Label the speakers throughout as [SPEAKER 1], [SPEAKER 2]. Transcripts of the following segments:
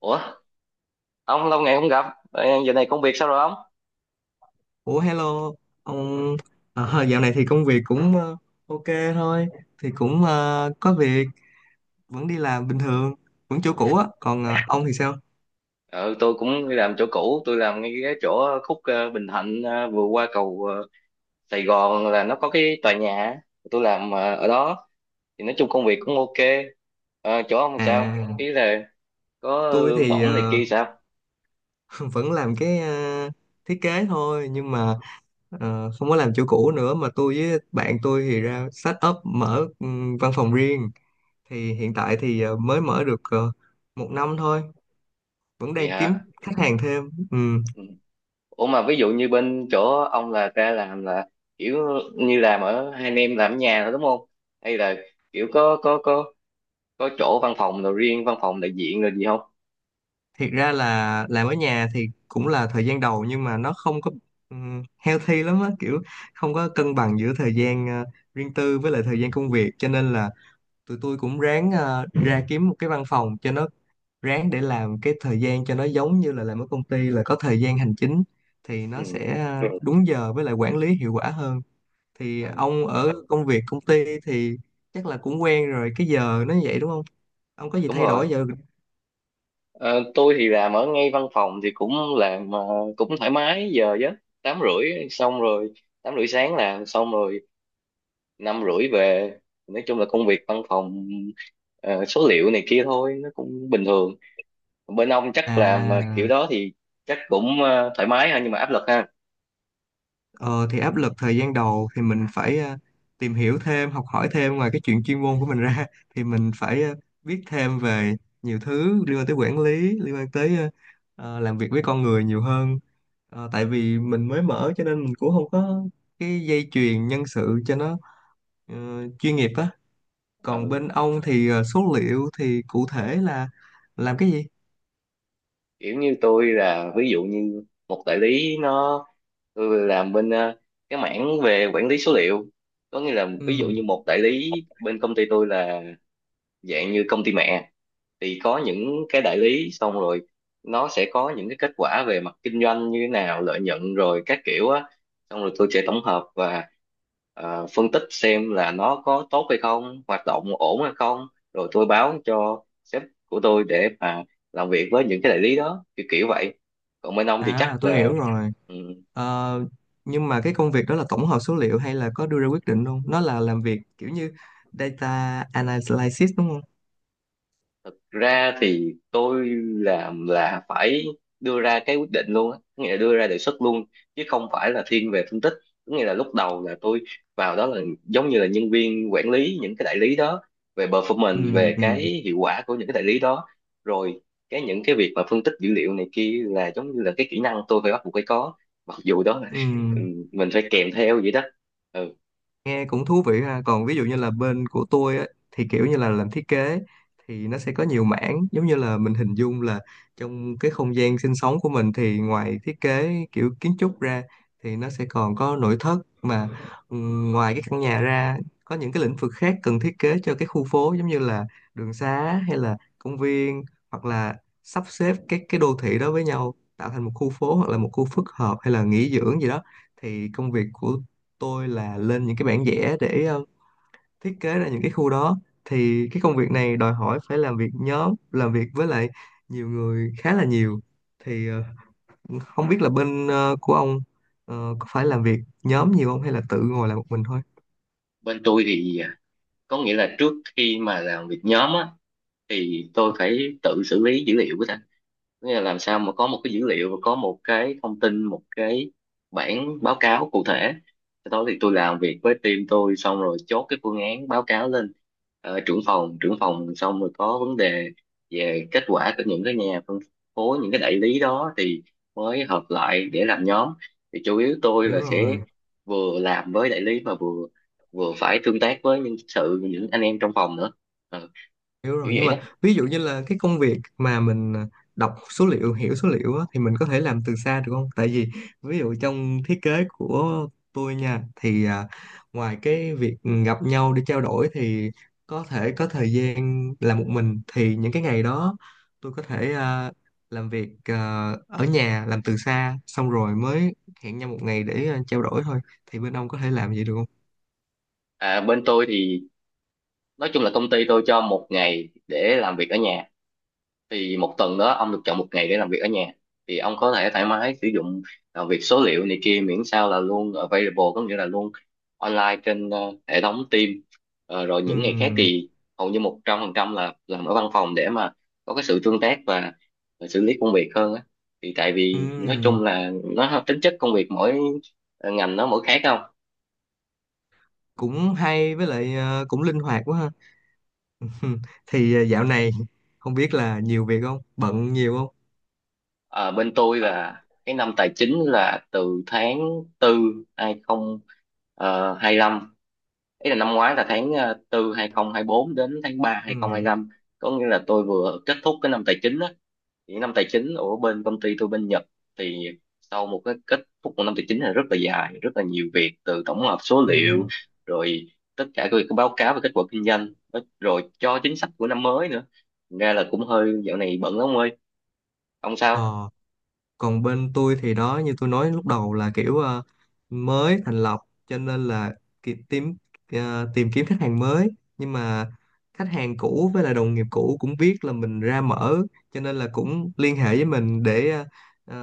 [SPEAKER 1] Ủa, ông lâu ngày không gặp. Giờ này công việc sao rồi ông?
[SPEAKER 2] Ủa hello, ông dạo này thì công việc cũng ok thôi, thì cũng có việc, vẫn đi làm bình thường, vẫn chỗ cũ á, còn ông thì sao?
[SPEAKER 1] Ừ, tôi cũng đi làm chỗ cũ, tôi làm ngay cái chỗ khúc Bình Thạnh, vừa qua cầu Sài Gòn là nó có cái tòa nhà á. Tôi làm ở đó, thì nói chung công việc cũng ok. Chỗ ông sao? Ý
[SPEAKER 2] À,
[SPEAKER 1] là có
[SPEAKER 2] tôi
[SPEAKER 1] lương
[SPEAKER 2] thì
[SPEAKER 1] bổng này kia sao?
[SPEAKER 2] vẫn làm cái thiết kế thôi, nhưng mà không có làm chỗ cũ nữa, mà tôi với bạn tôi thì ra set up mở văn phòng riêng, thì hiện tại thì mới mở được một năm thôi, vẫn
[SPEAKER 1] Vậy
[SPEAKER 2] đang kiếm
[SPEAKER 1] hả?
[SPEAKER 2] khách hàng thêm. Ừ,
[SPEAKER 1] Ừ. Ủa mà ví dụ như bên chỗ ông là ra làm là kiểu như làm ở hai anh em làm ở nhà thôi đúng không, hay là kiểu có chỗ văn phòng rồi, riêng văn phòng đại diện rồi gì không?
[SPEAKER 2] thiệt ra là làm ở nhà thì cũng là thời gian đầu, nhưng mà nó không có healthy lắm á, kiểu không có cân bằng giữa thời gian riêng tư với lại thời gian công việc, cho nên là tụi tôi cũng ráng ra kiếm một cái văn phòng cho nó, ráng để làm cái thời gian cho nó giống như là làm ở công ty là có thời gian hành chính, thì nó
[SPEAKER 1] Ừ.
[SPEAKER 2] sẽ đúng giờ với lại quản lý hiệu quả hơn. Thì
[SPEAKER 1] Ờ,
[SPEAKER 2] ông ở công việc công ty thì chắc là cũng quen rồi cái giờ nó vậy đúng không, ông có gì
[SPEAKER 1] đúng
[SPEAKER 2] thay đổi
[SPEAKER 1] rồi.
[SPEAKER 2] giờ?
[SPEAKER 1] Ờ, tôi thì làm ở ngay văn phòng thì cũng làm, cũng thoải mái giờ chứ, tám rưỡi xong rồi 8:30 sáng làm xong rồi, 5:30 về. Nói chung là công việc văn phòng, số liệu này kia thôi, nó cũng bình thường. Bên ông chắc làm kiểu
[SPEAKER 2] à
[SPEAKER 1] đó thì chắc cũng thoải mái ha, nhưng mà áp lực ha.
[SPEAKER 2] Ờ, thì áp lực thời gian đầu thì mình phải tìm hiểu thêm, học hỏi thêm ngoài cái chuyện chuyên môn của mình ra, thì mình phải biết thêm về nhiều thứ liên quan tới quản lý, liên quan tới làm việc với con người nhiều hơn. Ờ, tại vì mình mới mở cho nên mình cũng không có cái dây chuyền nhân sự cho nó ờ, chuyên nghiệp á.
[SPEAKER 1] Ờ.
[SPEAKER 2] Còn bên ông thì số liệu thì cụ thể là làm cái gì?
[SPEAKER 1] Kiểu như tôi là ví dụ như một đại lý nó, tôi làm bên cái mảng về quản lý số liệu, có nghĩa là ví dụ
[SPEAKER 2] Ừ.
[SPEAKER 1] như một đại lý bên công ty tôi là dạng như công ty mẹ, thì có những cái đại lý, xong rồi nó sẽ có những cái kết quả về mặt kinh doanh như thế nào, lợi nhuận rồi các kiểu á, xong rồi tôi sẽ tổng hợp và phân tích xem là nó có tốt hay không, hoạt động ổn hay không, rồi tôi báo cho sếp của tôi để mà làm việc với những cái đại lý đó, kiểu kiểu vậy. Còn bên ông thì
[SPEAKER 2] À,
[SPEAKER 1] chắc
[SPEAKER 2] tôi
[SPEAKER 1] là.
[SPEAKER 2] hiểu rồi. Ờ, nhưng mà cái công việc đó là tổng hợp số liệu hay là có đưa ra quyết định luôn? Nó là làm việc kiểu như data analysis đúng không?
[SPEAKER 1] Thực ra thì tôi làm là phải đưa ra cái quyết định luôn á, có nghĩa là đưa ra đề xuất luôn chứ không phải là thiên về phân tích. Có nghĩa là lúc đầu là tôi vào đó là giống như là nhân viên quản lý những cái đại lý đó, về
[SPEAKER 2] Ừ,
[SPEAKER 1] performance, về cái
[SPEAKER 2] ừ,
[SPEAKER 1] hiệu quả của những cái đại lý đó. Rồi cái những cái việc mà phân tích dữ liệu này kia là giống như là cái kỹ năng tôi phải bắt buộc phải có. Mặc dù đó là,
[SPEAKER 2] ừ.
[SPEAKER 1] ừ, mình phải kèm theo vậy đó. Ừ.
[SPEAKER 2] Nghe cũng thú vị ha. Còn ví dụ như là bên của tôi á, thì kiểu như là làm thiết kế thì nó sẽ có nhiều mảng, giống như là mình hình dung là trong cái không gian sinh sống của mình thì ngoài thiết kế kiểu kiến trúc ra thì nó sẽ còn có nội thất, mà ngoài cái căn nhà ra có những cái lĩnh vực khác cần thiết kế cho cái khu phố, giống như là đường xá hay là công viên, hoặc là sắp xếp các cái đô thị đó với nhau tạo thành một khu phố hoặc là một khu phức hợp hay là nghỉ dưỡng gì đó. Thì công việc của tôi là lên những cái bản vẽ để thiết kế ra những cái khu đó. Thì cái công việc này đòi hỏi phải làm việc nhóm, làm việc với lại nhiều người, khá là nhiều. Thì không biết là bên của ông có phải làm việc nhóm nhiều không hay là tự ngồi làm một mình thôi?
[SPEAKER 1] Bên tôi thì, có nghĩa là trước khi mà làm việc nhóm á thì tôi phải tự xử lý dữ liệu của ta. Có nghĩa là làm sao mà có một cái dữ liệu và có một cái thông tin, một cái bản báo cáo cụ thể, sau đó thì tôi làm việc với team tôi xong rồi chốt cái phương án báo cáo lên trưởng phòng, xong rồi có vấn đề về kết quả của những cái nhà phân phối, những cái đại lý đó thì mới hợp lại để làm nhóm. Thì chủ yếu tôi là
[SPEAKER 2] Hiểu
[SPEAKER 1] sẽ
[SPEAKER 2] rồi.
[SPEAKER 1] vừa làm với đại lý, mà vừa vừa phải tương tác với nhân sự, những anh em trong phòng nữa. Ờ,
[SPEAKER 2] Hiểu
[SPEAKER 1] kiểu
[SPEAKER 2] rồi, nhưng
[SPEAKER 1] vậy đó.
[SPEAKER 2] mà ví dụ như là cái công việc mà mình đọc số liệu, hiểu số liệu á, thì mình có thể làm từ xa được không? Tại vì ví dụ trong thiết kế của tôi nha, thì ngoài cái việc gặp nhau để trao đổi thì có thể có thời gian làm một mình, thì những cái ngày đó tôi có thể làm việc ở nhà, làm từ xa xong rồi mới hẹn nhau một ngày để trao đổi thôi. Thì bên ông có thể làm vậy được không?
[SPEAKER 1] À, bên tôi thì nói chung là công ty tôi cho một ngày để làm việc ở nhà, thì một tuần đó ông được chọn một ngày để làm việc ở nhà, thì ông có thể thoải mái sử dụng, làm việc số liệu này kia miễn sao là luôn available, có nghĩa là luôn online trên hệ thống Teams. Rồi những ngày khác
[SPEAKER 2] Ừm,
[SPEAKER 1] thì hầu như 100% là làm ở văn phòng để mà có cái sự tương tác và xử lý công việc hơn á, thì tại vì nói
[SPEAKER 2] ừm,
[SPEAKER 1] chung là nó tính chất công việc mỗi ngành nó mỗi khác không?
[SPEAKER 2] cũng hay, với lại cũng linh hoạt quá ha. Ừ, thì dạo này không biết là nhiều việc không, bận nhiều không?
[SPEAKER 1] Ờ, bên tôi là cái năm tài chính là từ tháng 4 2025, ý là năm ngoái, là tháng 4 bốn đến tháng 3
[SPEAKER 2] Ừ,
[SPEAKER 1] 2025, có nghĩa là tôi vừa kết thúc cái năm tài chính á. Thì năm tài chính ở bên công ty tôi, bên Nhật, thì sau một cái kết thúc của năm tài chính là rất là dài, rất là nhiều việc, từ tổng hợp số liệu,
[SPEAKER 2] ừ.
[SPEAKER 1] rồi tất cả các việc báo cáo về kết quả kinh doanh, rồi cho chính sách của năm mới nữa. Thành ra là cũng hơi, dạo này bận lắm ông ơi. Ông sao?
[SPEAKER 2] Ờ, còn bên tôi thì đó, như tôi nói lúc đầu là kiểu mới thành lập, cho nên là tìm, tìm kiếm khách hàng mới, nhưng mà khách hàng cũ với lại đồng nghiệp cũ cũng biết là mình ra mở, cho nên là cũng liên hệ với mình để à,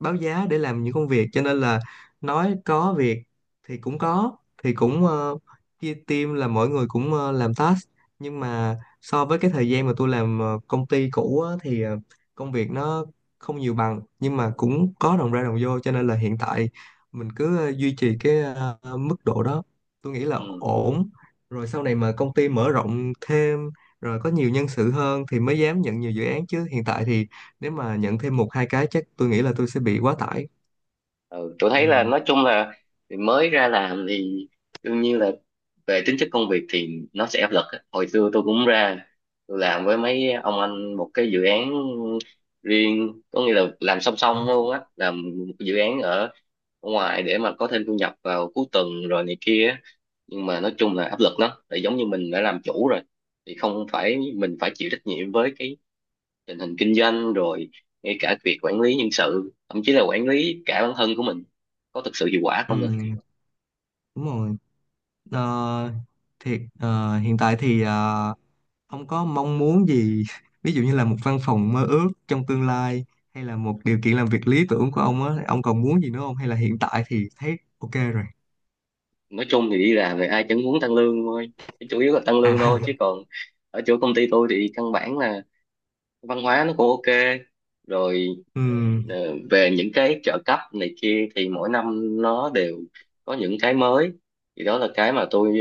[SPEAKER 2] báo giá để làm những công việc, cho nên là nói có việc thì cũng có. Thì cũng chia team là mỗi người cũng làm task, nhưng mà so với cái thời gian mà tôi làm công ty cũ á, thì công việc nó không nhiều bằng, nhưng mà cũng có đồng ra đồng vô, cho nên là hiện tại mình cứ duy trì cái mức độ đó, tôi nghĩ là
[SPEAKER 1] Ừ.
[SPEAKER 2] ổn. Rồi sau này mà công ty mở rộng thêm, rồi có nhiều nhân sự hơn thì mới dám nhận nhiều dự án, chứ hiện tại thì nếu mà nhận thêm một hai cái chắc tôi nghĩ là tôi sẽ bị quá tải.
[SPEAKER 1] Ừ, tôi thấy là
[SPEAKER 2] Ừ,
[SPEAKER 1] nói chung là mới ra làm thì đương nhiên là về tính chất công việc thì nó sẽ áp lực á. Hồi xưa tôi cũng ra tôi làm với mấy ông anh một cái dự án riêng, có nghĩa là làm song song
[SPEAKER 2] đó.
[SPEAKER 1] luôn á, làm một cái dự án ở ngoài để mà có thêm thu nhập vào cuối tuần rồi này kia á. Nhưng mà nói chung là áp lực lắm, tại giống như mình đã làm chủ rồi thì không phải, mình phải chịu trách nhiệm với cái tình hình kinh doanh rồi, ngay cả việc quản lý nhân sự, thậm chí là quản lý cả bản thân của mình có thực sự hiệu quả
[SPEAKER 2] Ừ,
[SPEAKER 1] không nữa.
[SPEAKER 2] đúng rồi. Ờ, thì hiện tại thì ông có mong muốn gì ví dụ như là một văn phòng mơ ước trong tương lai, hay là một điều kiện làm việc lý tưởng của ông á, ông còn muốn gì nữa không hay là hiện tại thì thấy ok rồi?
[SPEAKER 1] Nói chung thì đi làm thì ai chẳng muốn tăng lương thôi. Chủ yếu là tăng
[SPEAKER 2] À.
[SPEAKER 1] lương thôi, chứ còn ở chỗ công ty tôi thì căn bản là văn hóa nó cũng ok rồi.
[SPEAKER 2] Ừ,
[SPEAKER 1] Ờ, về những cái trợ cấp này kia thì mỗi năm nó đều có những cái mới. Thì đó là cái mà tôi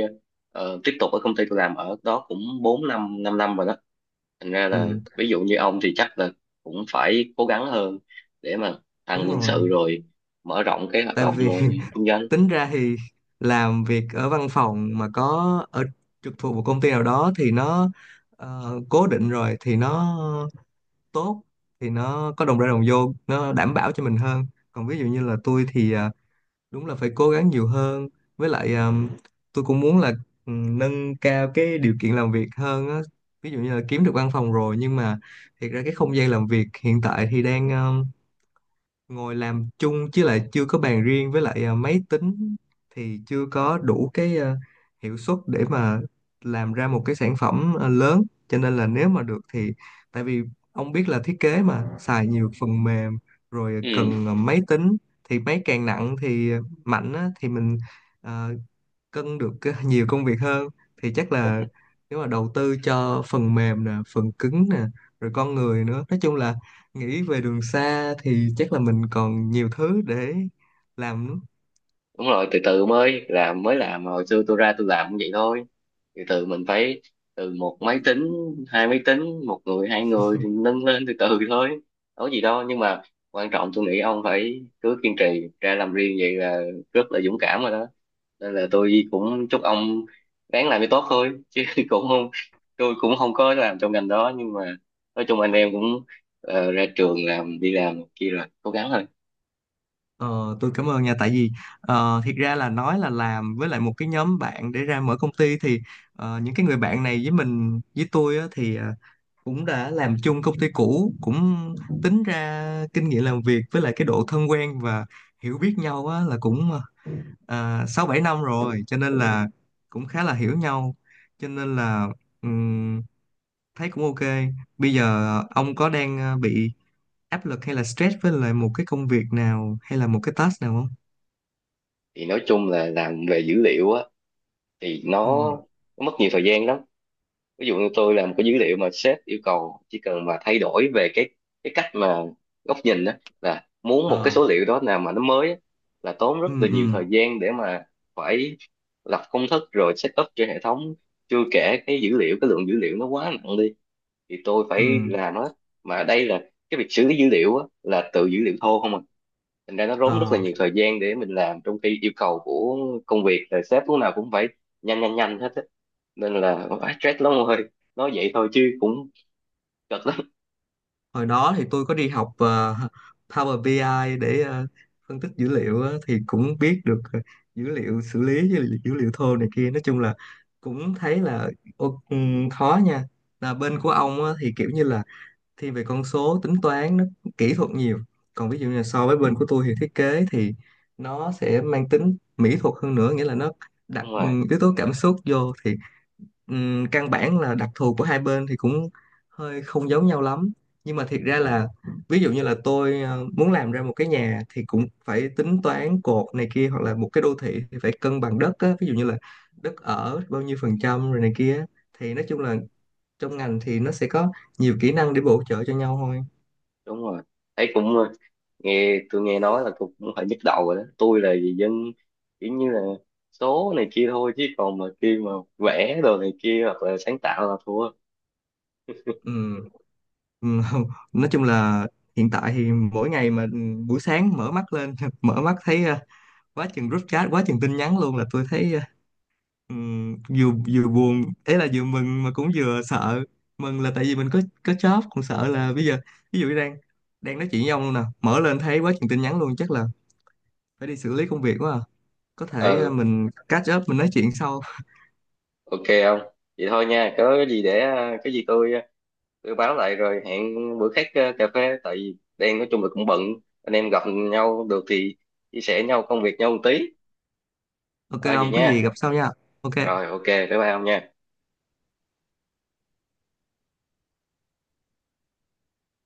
[SPEAKER 1] tiếp tục ở công ty tôi, làm ở đó cũng 4 năm 5 năm rồi đó. Thành ra là
[SPEAKER 2] ừ,
[SPEAKER 1] ví dụ như ông thì chắc là cũng phải cố gắng hơn để mà tăng
[SPEAKER 2] đúng
[SPEAKER 1] nhân
[SPEAKER 2] rồi,
[SPEAKER 1] sự, rồi mở rộng cái hoạt
[SPEAKER 2] tại
[SPEAKER 1] động
[SPEAKER 2] vì
[SPEAKER 1] kinh doanh.
[SPEAKER 2] tính ra thì làm việc ở văn phòng mà có ở trực thuộc một công ty nào đó thì nó cố định rồi thì nó tốt, thì nó có đồng ra đồng vô, nó đảm bảo cho mình hơn. Còn ví dụ như là tôi thì đúng là phải cố gắng nhiều hơn, với lại tôi cũng muốn là ừ, nâng cao cái điều kiện làm việc hơn á, ví dụ như là kiếm được văn phòng rồi, nhưng mà thiệt ra cái không gian làm việc hiện tại thì đang ngồi làm chung chứ lại chưa có bàn riêng, với lại máy tính thì chưa có đủ cái hiệu suất để mà làm ra một cái sản phẩm lớn, cho nên là nếu mà được thì, tại vì ông biết là thiết kế mà xài nhiều phần mềm, rồi cần máy tính, thì máy càng nặng thì mạnh á, thì mình à, cân được nhiều công việc hơn. Thì chắc
[SPEAKER 1] Ừ.
[SPEAKER 2] là nếu mà đầu tư cho phần mềm nè, phần cứng nè, rồi con người nữa, nói chung là nghĩ về đường xa thì chắc là mình còn nhiều thứ để làm nữa.
[SPEAKER 1] Đúng rồi, từ từ mới làm, mới làm hồi xưa tôi ra tôi làm cũng vậy thôi. Từ từ mình phải, từ một máy tính, hai máy tính, một người, hai người thì nâng lên từ từ thôi, có gì đâu. Nhưng mà quan trọng tôi nghĩ ông phải cứ kiên trì ra làm riêng vậy là rất là dũng cảm rồi đó. Nên là tôi cũng chúc ông ráng làm cho tốt thôi chứ cũng không tôi cũng không có làm trong ngành đó, nhưng mà nói chung anh em cũng ra trường làm đi làm kia rồi cố gắng thôi.
[SPEAKER 2] Ờ, tôi cảm ơn nha, tại vì thiệt ra là nói là làm với lại một cái nhóm bạn để ra mở công ty thì những cái người bạn này với mình, với tôi á, thì cũng đã làm chung công ty cũ, cũng tính ra kinh nghiệm làm việc với lại cái độ thân quen và hiểu biết nhau á, là cũng 6-7 năm rồi, cho nên là cũng khá là hiểu nhau. Cho nên là ừm, thấy cũng ok. Bây giờ ông có đang bị áp lực hay là stress với lại một cái công việc nào hay là một cái task nào không?
[SPEAKER 1] Thì nói chung là làm về dữ liệu á, thì nó,
[SPEAKER 2] Ừ.
[SPEAKER 1] nó mất nhiều thời gian lắm. Ví dụ như tôi làm cái dữ liệu mà sếp yêu cầu chỉ cần mà thay đổi về cái cách mà góc nhìn đó, là muốn một cái
[SPEAKER 2] Ờ.
[SPEAKER 1] số liệu đó nào mà nó mới á, là tốn rất
[SPEAKER 2] Ừ,
[SPEAKER 1] là nhiều thời
[SPEAKER 2] ừ.
[SPEAKER 1] gian để mà phải lập công thức rồi set up cho hệ thống, chưa kể cái dữ liệu, cái lượng dữ liệu nó quá nặng đi thì tôi
[SPEAKER 2] Ừ.
[SPEAKER 1] phải làm nó. Mà đây là cái việc xử lý dữ liệu á, là từ dữ liệu thô không à, thành ra nó tốn rất là
[SPEAKER 2] Ờ.
[SPEAKER 1] nhiều thời gian để mình làm, trong khi yêu cầu của công việc là sếp lúc nào cũng phải nhanh nhanh nhanh hết á, nên là quá stress lắm rồi. Nói vậy thôi chứ cũng cực lắm.
[SPEAKER 2] Hồi đó thì tôi có đi học Power BI ai để phân tích dữ liệu á, thì cũng biết được dữ liệu, xử lý dữ liệu thô này kia, nói chung là cũng thấy là khó nha. Là bên của ông á, thì kiểu như là thiên về con số, tính toán, nó kỹ thuật nhiều. Còn ví dụ như là so với bên của tôi thì thiết kế thì nó sẽ mang tính mỹ thuật hơn nữa, nghĩa là nó đặt
[SPEAKER 1] Đúng rồi,
[SPEAKER 2] yếu tố cảm xúc vô thì ừm, căn bản là đặc thù của hai bên thì cũng hơi không giống nhau lắm. Nhưng mà thiệt ra là ví dụ như là tôi muốn làm ra một cái nhà thì cũng phải tính toán cột này kia, hoặc là một cái đô thị thì phải cân bằng đất á, ví dụ như là đất ở bao nhiêu phần trăm rồi này kia á. Thì nói chung là trong ngành thì nó sẽ có nhiều kỹ năng để bổ trợ cho nhau thôi.
[SPEAKER 1] đúng rồi, thấy cũng tôi nghe nói là cũng cũng phải nhức đầu rồi đó. Tôi là gì, dân kiểu như là số này kia thôi, chứ còn mà khi mà vẽ đồ này kia hoặc là sáng tạo là thua.
[SPEAKER 2] Ừm, ừm, nói chung là hiện tại thì mỗi ngày mà buổi sáng mở mắt lên mở mắt thấy quá chừng group chat, quá chừng tin nhắn luôn, là tôi thấy ừm, vừa vừa buồn ấy, là vừa mừng mà cũng vừa sợ. Mừng là tại vì mình có job, còn sợ là bây giờ ví dụ như đang đang nói chuyện với ông luôn nè, mở lên thấy quá chừng tin nhắn luôn, chắc là phải đi xử lý công việc quá à. Có thể
[SPEAKER 1] ờ
[SPEAKER 2] mình catch up, mình nói chuyện sau.
[SPEAKER 1] ok không? Vậy thôi nha, có cái gì để cái gì tôi, tôi báo lại rồi hẹn bữa khác cà phê, tại vì đang, nói chung là cũng bận, anh em gặp nhau được thì chia sẻ nhau công việc nhau một tí.
[SPEAKER 2] Ok,
[SPEAKER 1] Ờ vậy
[SPEAKER 2] ông có gì
[SPEAKER 1] nha.
[SPEAKER 2] gặp sau nha. Ok.
[SPEAKER 1] Rồi ok bye bye ông nha.